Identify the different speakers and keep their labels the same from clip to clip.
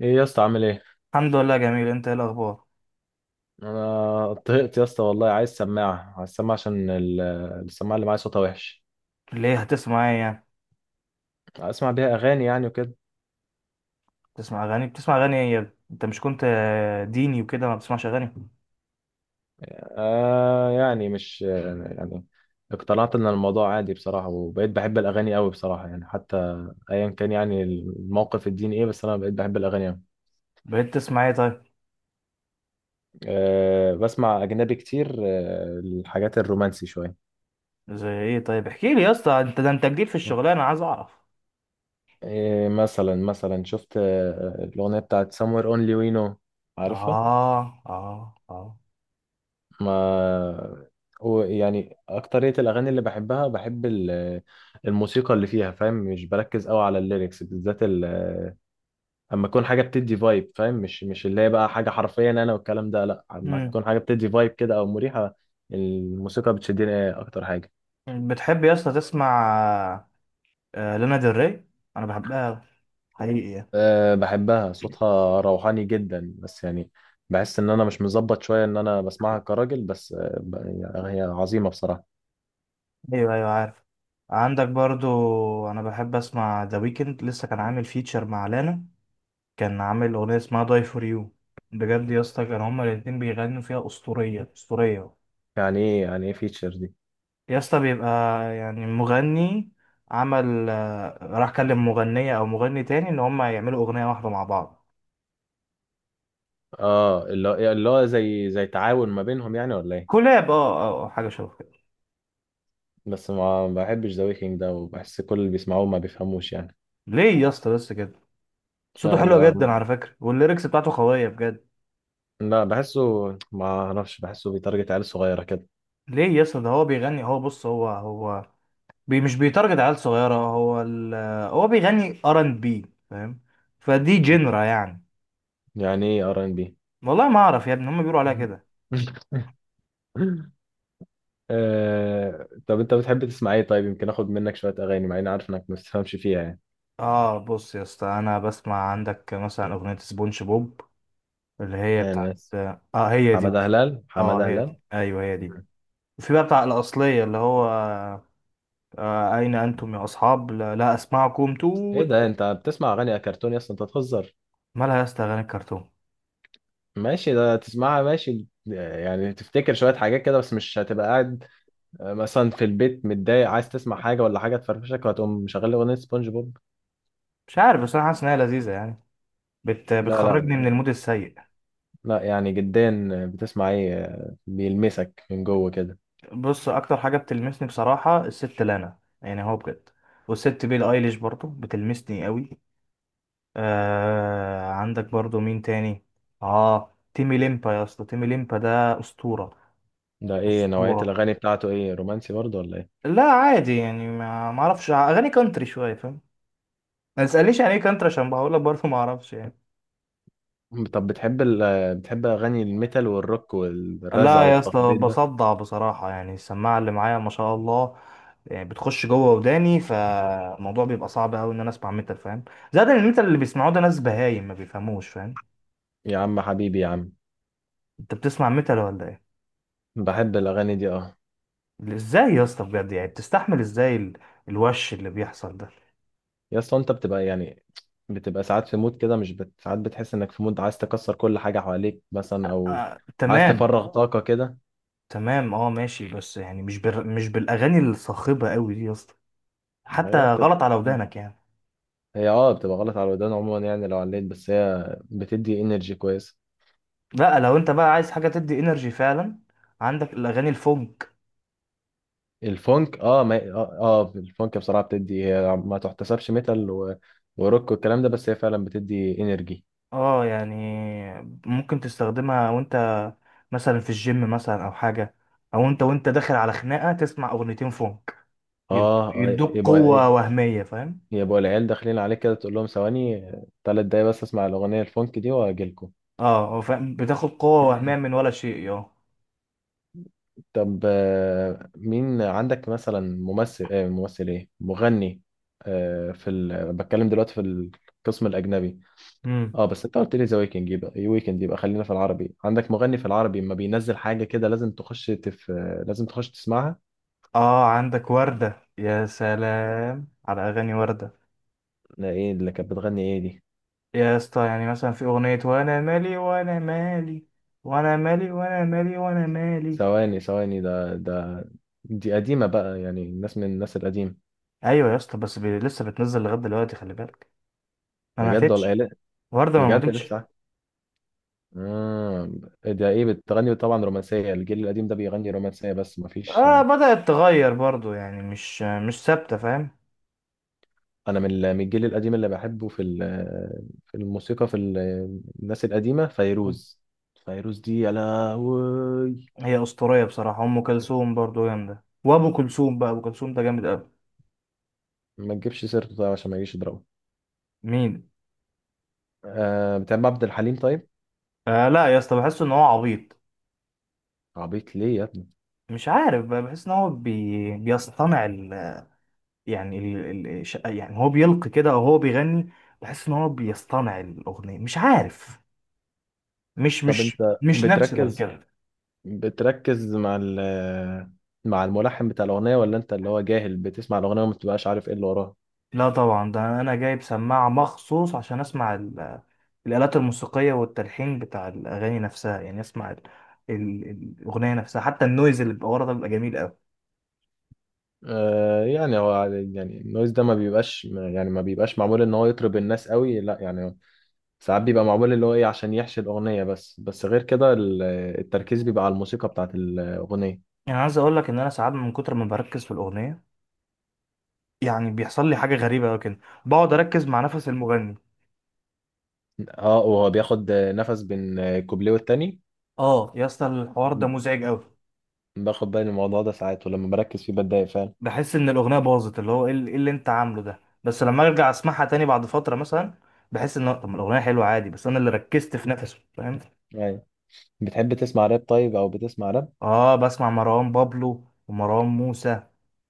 Speaker 1: ايه يا اسطى؟ عامل ايه؟
Speaker 2: الحمد لله، جميل. انت ايه الاخبار؟
Speaker 1: انا طهقت يا اسطى، والله عايز سماعه، عايز سماعه، عشان السماعه اللي معايا صوتها وحش.
Speaker 2: ليه؟ هتسمع ايه يعني؟
Speaker 1: اسمع بيها اغاني يعني وكده.
Speaker 2: بتسمع اغاني ايه يا ابني؟ انت مش كنت ديني وكده ما بتسمعش اغاني؟
Speaker 1: آه، يعني مش يعني اقتنعت ان الموضوع عادي بصراحه، وبقيت بحب الاغاني قوي بصراحه، يعني حتى ايا كان يعني الموقف الديني ايه، بس انا بقيت بحب الاغاني قوي.
Speaker 2: بقيت تسمع ايه طيب؟
Speaker 1: آه، بسمع اجنبي كتير، الحاجات الرومانسي شويه.
Speaker 2: زي ايه طيب؟ احكي لي يا اسطى، انت ده انت جديد في الشغلانه، عايز اعرف.
Speaker 1: إيه؟ مثلا شفت الاغنيه بتاعت Somewhere Only We Know؟ عارفها؟
Speaker 2: اه، اه، اه.
Speaker 1: ما هو يعني أكترية الأغاني اللي بحبها بحب الموسيقى اللي فيها، فاهم؟ مش بركز قوي على الليركس بالذات، أما تكون حاجة بتدي فايب، فاهم؟ مش اللي هي بقى حاجة حرفيا أنا والكلام ده، لأ، أما
Speaker 2: امم.
Speaker 1: تكون حاجة بتدي فايب كده، أو مريحة. الموسيقى بتشدني أكتر حاجة.
Speaker 2: بتحب يا اسطى تسمع لانا ديل ري؟ انا بحبها أوي، حقيقي يعني.
Speaker 1: أه، بحبها، صوتها روحاني جدا، بس يعني بحس إن أنا مش مظبط شوية إن أنا بسمعها كراجل، بس يعني هي عظيمة بصراحة.
Speaker 2: ايوه، ايوه، عارف. عندك برضو. انا بحب اسمع ذا ويكند. لسه كان عامل فيتشر مع لانا، كان عامل أغنية اسمها داي فور يو. بجد يا اسطى، كان هما الاتنين بيغنوا فيها أسطورية، أسطورية.
Speaker 1: يعني إيه؟ يعني إيه فيتشر دي؟
Speaker 2: يا اسطى بيبقى يعني مغني عمل راح كلم مغنية أو مغني تاني إن هما يعملوا أغنية واحدة مع بعض.
Speaker 1: اه، اللي هو زي تعاون ما بينهم يعني، ولا ايه؟
Speaker 2: كولاب، اه، اه، حاجة شبه كده.
Speaker 1: بس ما بحبش ذا ويكينج ده، وبحس كل اللي بيسمعوه ما بيفهموش يعني.
Speaker 2: ليه يا اسطى بس كده؟ صوته
Speaker 1: لا،
Speaker 2: حلو جدا على فكرة، والليركس بتاعته قوية بجد.
Speaker 1: لا بحسه، ما اعرفش، بحسه بيتارجت عيال صغيرة كده.
Speaker 2: ليه يا اسطى؟ ده هو بيغني. هو بص هو بي مش بيتارجت عيال صغيرة. هو ال... آه، هو بيغني ار ان بي فاهم. فدي جنرا يعني.
Speaker 1: يعني ايه ار ان بي؟
Speaker 2: والله ما اعرف يا ابني، هم بيقولوا عليها كده.
Speaker 1: طب انت بتحب تسمع ايه طيب؟ يمكن اخد منك شوية اغاني، مع اني عارف انك ما بتفهمش فيها يعني.
Speaker 2: اه، بص يا اسطى، انا بسمع. عندك مثلا اغنيه سبونج بوب اللي هي
Speaker 1: انا
Speaker 2: بتاعت.
Speaker 1: ناس
Speaker 2: اه، هي دي.
Speaker 1: حمادة هلال،
Speaker 2: اه،
Speaker 1: حمادة
Speaker 2: هي
Speaker 1: هلال.
Speaker 2: دي، ايوه هي دي. وفي بقى بتاع الاصليه اللي هو. آه اين انتم يا اصحاب، لا، لا اسمعكم
Speaker 1: ايه
Speaker 2: توت.
Speaker 1: ده؟ انت بتسمع اغاني كرتوني؟ اصلا انت تهزر.
Speaker 2: مالها يا اسطى اغاني الكرتون؟
Speaker 1: ماشي، ده تسمعها ماشي يعني تفتكر شوية حاجات كده، بس مش هتبقى قاعد مثلا في البيت متضايق عايز تسمع حاجة، ولا حاجة تفرفشك وهتقوم مشغل لي أغنية سبونج بوب.
Speaker 2: مش عارف، بس انا حاسس ان هي لذيذه يعني.
Speaker 1: لا،
Speaker 2: بتخرجني من
Speaker 1: لا،
Speaker 2: المود السيء.
Speaker 1: لا يعني جدا، بتسمع إيه بيلمسك من جوه كده؟
Speaker 2: بص، اكتر حاجه بتلمسني بصراحه الست لانا، يعني هو بجد. والست بيلي ايليش برضو بتلمسني قوي. آه، عندك برضو مين تاني؟ اه، تيمي ليمبا يا اسطى. تيمي ليمبا ده اسطوره.
Speaker 1: ده إيه نوعية
Speaker 2: اسطوره.
Speaker 1: الأغاني بتاعته؟ إيه، رومانسي برضه ولا إيه؟
Speaker 2: لا عادي يعني، ما اعرفش. اغاني كانتري شويه، فاهم. ما تسالنيش يعني ايه كانتري عشان بقول لك برضو ما اعرفش يعني.
Speaker 1: طب بتحب ال... آه، بتحب أغاني الميتال والروك والرزع
Speaker 2: لا يا اسطى،
Speaker 1: والتخبيط ده؟
Speaker 2: بصدع بصراحه يعني. السماعه اللي معايا ما شاء الله، يعني بتخش جوه وداني، فالموضوع بيبقى صعب قوي ان انا اسمع ميتال، فاهم. زائد ان الميتال اللي بيسمعوه ده ناس بهايم ما بيفهموش، فاهم.
Speaker 1: يا عم حبيبي، يا عم.
Speaker 2: انت بتسمع ميتال ولا ايه؟
Speaker 1: بحب الأغاني دي، أه.
Speaker 2: ازاي يا اسطى؟ بجد يعني بتستحمل ازاي الوش اللي بيحصل ده؟
Speaker 1: يا اسطى، انت بتبقى ساعات في مود كده، مش بت... ساعات بتحس انك في مود عايز تكسر كل حاجه حواليك مثلا، او
Speaker 2: آه،
Speaker 1: عايز
Speaker 2: تمام.
Speaker 1: تفرغ طاقه كده.
Speaker 2: تمام، اه، ماشي. بس يعني مش بالاغاني الصاخبه قوي دي يا اسطى،
Speaker 1: هي
Speaker 2: حتى
Speaker 1: بتبقى
Speaker 2: غلط على ودانك يعني.
Speaker 1: هي اه بتبقى غلط على الودان عموما يعني، لو عليت، بس هي بتدي انرجي كويس.
Speaker 2: لا، لو انت بقى عايز حاجه تدي انرجي فعلا، عندك الاغاني الفونك.
Speaker 1: الفونك، ما الفونك بصراحه بتدي، هي ما تحتسبش ميتال وروك والكلام ده، بس هي فعلا بتدي انرجي.
Speaker 2: اه يعني، ممكن تستخدمها وانت مثلا في الجيم، مثلا او حاجه، او انت وانت داخل على خناقه تسمع اغنيتين فونك
Speaker 1: اه، اه،
Speaker 2: يدوك
Speaker 1: يبقى
Speaker 2: قوه
Speaker 1: ايه،
Speaker 2: وهميه، فاهم.
Speaker 1: يبقى العيال داخلين عليك كده، تقول لهم ثواني، 3 دقايق بس اسمع الاغنيه الفونك دي واجيلكم.
Speaker 2: اه، فاهم، بتاخد قوه وهميه من ولا شيء، اه.
Speaker 1: طب مين عندك مثلا ممثل، ممثل ايه، مغني، بتكلم دلوقتي في القسم الاجنبي.
Speaker 2: امم.
Speaker 1: اه، بس انت قلت لي ذا ويكند، يبقى ايه ويكند؟ يبقى خلينا في العربي. عندك مغني في العربي ما بينزل حاجه كده لازم تخش تف... آه، لازم تخش تسمعها؟
Speaker 2: اه، عندك وردة. يا سلام على اغاني وردة.
Speaker 1: ده ايه اللي كانت بتغني؟ ايه دي؟
Speaker 2: يا اسطى يعني مثلا في اغنية وانا مالي، وانا مالي، وانا مالي، وانا مالي، وانا مالي.
Speaker 1: ثواني، ثواني، ده دي قديمه بقى، يعني من الناس القديمه.
Speaker 2: ايوه يا اسطى، بس لسه بتنزل لغاية دلوقتي، خلي بالك. ما
Speaker 1: بجد ولا ايه؟
Speaker 2: ماتتش.
Speaker 1: لا،
Speaker 2: وردة ما
Speaker 1: بجد
Speaker 2: ماتتش.
Speaker 1: لسه؟ آه. ده ايه بتغني؟ طبعا رومانسيه، الجيل القديم ده بيغني رومانسيه بس ما فيش.
Speaker 2: اه، بدأت تغير برضو يعني، مش ثابتة، فاهم.
Speaker 1: انا من من الجيل القديم اللي بحبه، في في الموسيقى، في الناس القديمه
Speaker 2: مم.
Speaker 1: فيروز. فيروز دي، يا لهوي.
Speaker 2: هي اسطورية بصراحة. ام كلثوم برضو جامدة، وابو كلثوم بقى، ابو كلثوم ده جامد قوي.
Speaker 1: ما تجيبش سيرته طيب، عشان ما يجيش يضربه.
Speaker 2: مين؟
Speaker 1: أه، بتحب عبد الحليم طيب؟
Speaker 2: آه، لا يا اسطى، بحس ان هو عبيط.
Speaker 1: عبيط ليه يا ابني؟
Speaker 2: مش عارف بقى، بحس ان هو بيصطنع يعني يعني هو بيلقي كده او هو بيغني. بحس ان هو بيصطنع الاغنيه، مش عارف. مش
Speaker 1: طب
Speaker 2: مش
Speaker 1: انت
Speaker 2: مش ناتشرال
Speaker 1: بتركز
Speaker 2: كده.
Speaker 1: بتركز مع ال مع الملحن بتاع الاغنيه، ولا انت اللي هو جاهل بتسمع الاغنيه وما بتبقاش عارف ايه اللي وراها؟
Speaker 2: لا طبعا، ده انا جايب سماعه مخصوص عشان اسمع الالات الموسيقيه والتلحين بتاع الاغاني نفسها. يعني اسمع ال... الاغنيه نفسها، حتى النويز اللي بيبقى ورا ده بيبقى جميل قوي.
Speaker 1: آه، يعني هو، يعني النويز ده ما بيبقاش معمول ان هو يطرب الناس قوي، لا يعني، ساعات بيبقى معمول اللي هو ايه عشان يحشي الأغنية، بس غير كده التركيز بيبقى على الموسيقى بتاعت الأغنية.
Speaker 2: يعني عايز اقول لك ان انا ساعات من كتر ما بركز في الاغنيه، يعني بيحصل لي حاجه غريبه قوي كده، بقعد اركز مع نفس المغني.
Speaker 1: اه، وهو بياخد نفس بين كوبليه والتاني،
Speaker 2: اه يا اسطى، الحوار ده مزعج قوي.
Speaker 1: باخد بالي من الموضوع ده ساعات، ولما بركز فيه بتضايق فعلا.
Speaker 2: بحس ان الاغنيه باظت، اللي هو ايه اللي إيه اللي انت عامله ده. بس لما ارجع اسمعها تاني بعد فتره مثلا، بحس ان طب ما الاغنيه حلوه عادي، بس انا اللي ركزت في نفسه، فاهم.
Speaker 1: يعني بتحب تسمع راب طيب؟ أو بتسمع راب؟
Speaker 2: اه، بسمع مروان بابلو ومروان موسى،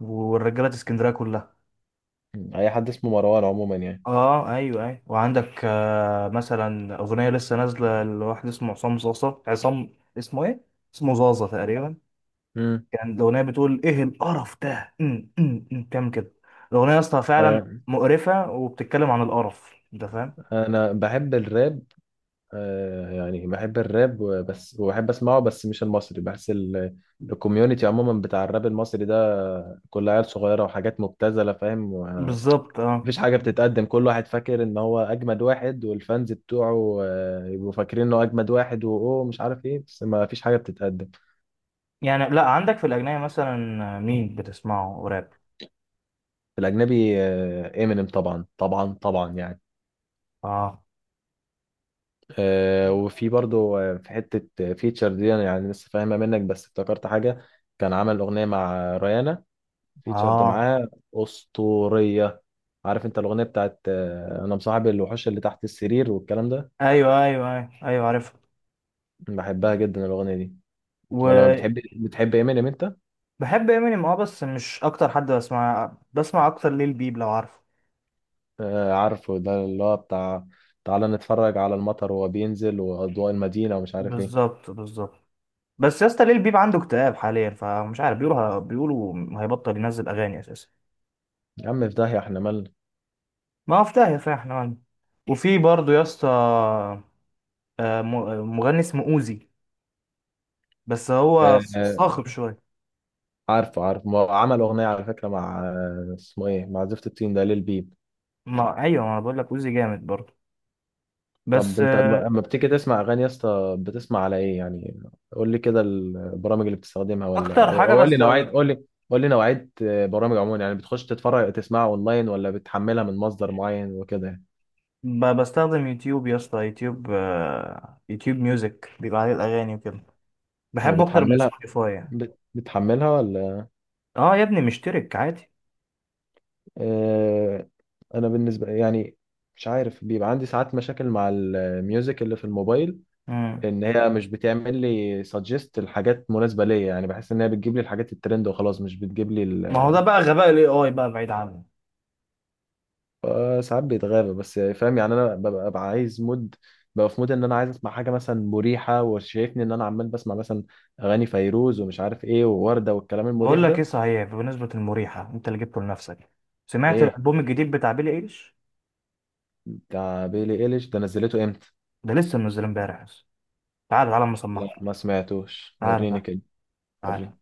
Speaker 2: والرجاله اسكندريه كلها.
Speaker 1: أي حد اسمه مروان عموما يعني.
Speaker 2: اه، ايوه، ايوه، وعندك مثلا اغنيه لسه نازله لواحد اسمه عصام زازا. عصام اسمه ايه؟ اسمه زازا تقريبا.
Speaker 1: مم.
Speaker 2: كان الأغنية بتقول إيه القرف ده، أم، أم، أم، بتعمل كده. الأغنية يا اسطى فعلا
Speaker 1: آه،
Speaker 2: مقرفة، وبتتكلم عن القرف، أنت فاهم.
Speaker 1: أنا بحب الراب. يعني بحب الراب بس وبحب أسمعه، بس مش المصري، بحس الكوميونتي عموما بتاع الراب المصري ده كلها عيال صغيرة وحاجات مبتذلة، فاهم؟
Speaker 2: بالظبط، أه.
Speaker 1: مفيش حاجة بتتقدم، كل واحد فاكر ان هو اجمد واحد، والفانز بتوعه يبقوا فاكرين انه اجمد واحد، واوه مش عارف ايه، بس ما فيش حاجة بتتقدم.
Speaker 2: يعني، لا، عندك في الأجنبي مثلا، مين بتسمعه راب؟
Speaker 1: في الاجنبي، امينيم طبعا طبعا طبعا يعني.
Speaker 2: أه.
Speaker 1: وفي برضو في حتة فيتشر دي انا يعني لسه فاهمها منك، بس افتكرت حاجة. كان عمل اغنية مع ريانا، فيتشرد
Speaker 2: أه،
Speaker 1: معاها. اسطورية. عارف انت الاغنية بتاعت انا مصاحب الوحوش اللي تحت السرير والكلام ده؟
Speaker 2: أيوه، أيوه، أيوه، أيوه، عارف.
Speaker 1: بحبها جدا الاغنية دي. ولا ما
Speaker 2: وبحب.
Speaker 1: بتحب؟ بتحب امينيم انت؟
Speaker 2: إمينيم أه، بس مش أكتر حد. بسمع أكتر ليل بيب، لو عارفه.
Speaker 1: آه، عارفه، ده اللي هو بتاع تعالى نتفرج على المطر وهو بينزل وأضواء المدينة، ومش عارف ايه.
Speaker 2: بالظبط، بالظبط. بس يا اسطى، ليل بيب عنده اكتئاب حاليا، فمش عارف، بيقولوا هيبطل ينزل أغاني أساسا.
Speaker 1: يا عم في داهية، احنا مالنا.
Speaker 2: ما هو في داهية صحيح احنا عنه. وفي برضه يا اسطى، مغني اسمه اوزي، بس هو
Speaker 1: آه، آه،
Speaker 2: صاخب شوية.
Speaker 1: عارفه، عارفه، ما هو عمل أغنية على فكرة مع اسمه ايه، مع زفت الطين ده، ليل بيب.
Speaker 2: ما، ايوه، ما انا بقول لك اوزي جامد برضه.
Speaker 1: طب
Speaker 2: بس،
Speaker 1: انت لما لما بتيجي تسمع أغاني يا اسطى، بتسمع على ايه يعني؟ قول لي كده البرامج اللي بتستخدمها، ولا
Speaker 2: اكتر
Speaker 1: أو
Speaker 2: حاجة
Speaker 1: أو قول لي
Speaker 2: بس.
Speaker 1: نوعية، قول لي نوعية برامج عموما يعني، بتخش تتفرج تسمعها اونلاين ولا بتحملها من مصدر معين وكده يعني؟
Speaker 2: بستخدم يوتيوب يا اسطى، يوتيوب ميوزك بيبقى عليه الاغاني وكده. بحبه اكتر من
Speaker 1: وبتحملها
Speaker 2: سبوتيفاي يعني.
Speaker 1: بتحملها ولا؟
Speaker 2: اه يا ابني، مشترك عادي.
Speaker 1: آه، انا بالنسبه يعني مش عارف، بيبقى عندي ساعات مشاكل مع الميوزك اللي في الموبايل
Speaker 2: مم.
Speaker 1: ان هي مش بتعمل لي سجست الحاجات مناسبه ليا، يعني بحس ان هي بتجيب لي الحاجات الترند وخلاص، مش بتجيب لي.
Speaker 2: ما هو ده بقى غباء الاي اي بقى بعيد عنه.
Speaker 1: ساعات بيتغابى، بس فاهم يعني، انا ببقى عايز مود، ببقى في مود ان انا عايز اسمع حاجه مثلا مريحه، وشايفني ان انا عمال بسمع مثلا اغاني فيروز ومش عارف ايه ووردة والكلام
Speaker 2: بقول
Speaker 1: المريح
Speaker 2: لك ايه،
Speaker 1: ده.
Speaker 2: صحيح بمناسبة المريحة انت اللي جبته لنفسك، سمعت
Speaker 1: ايه؟
Speaker 2: الالبوم الجديد بتاع بيلي ايليش؟
Speaker 1: بتاع بيلي ايليش ده نزلته امتى؟
Speaker 2: ده لسه منزل امبارح بس. تعالى، تعالى اما
Speaker 1: لا
Speaker 2: اصمعك.
Speaker 1: ما سمعتوش،
Speaker 2: تعالى،
Speaker 1: وريني
Speaker 2: تعالى.
Speaker 1: كده،
Speaker 2: تعالى.
Speaker 1: وريني.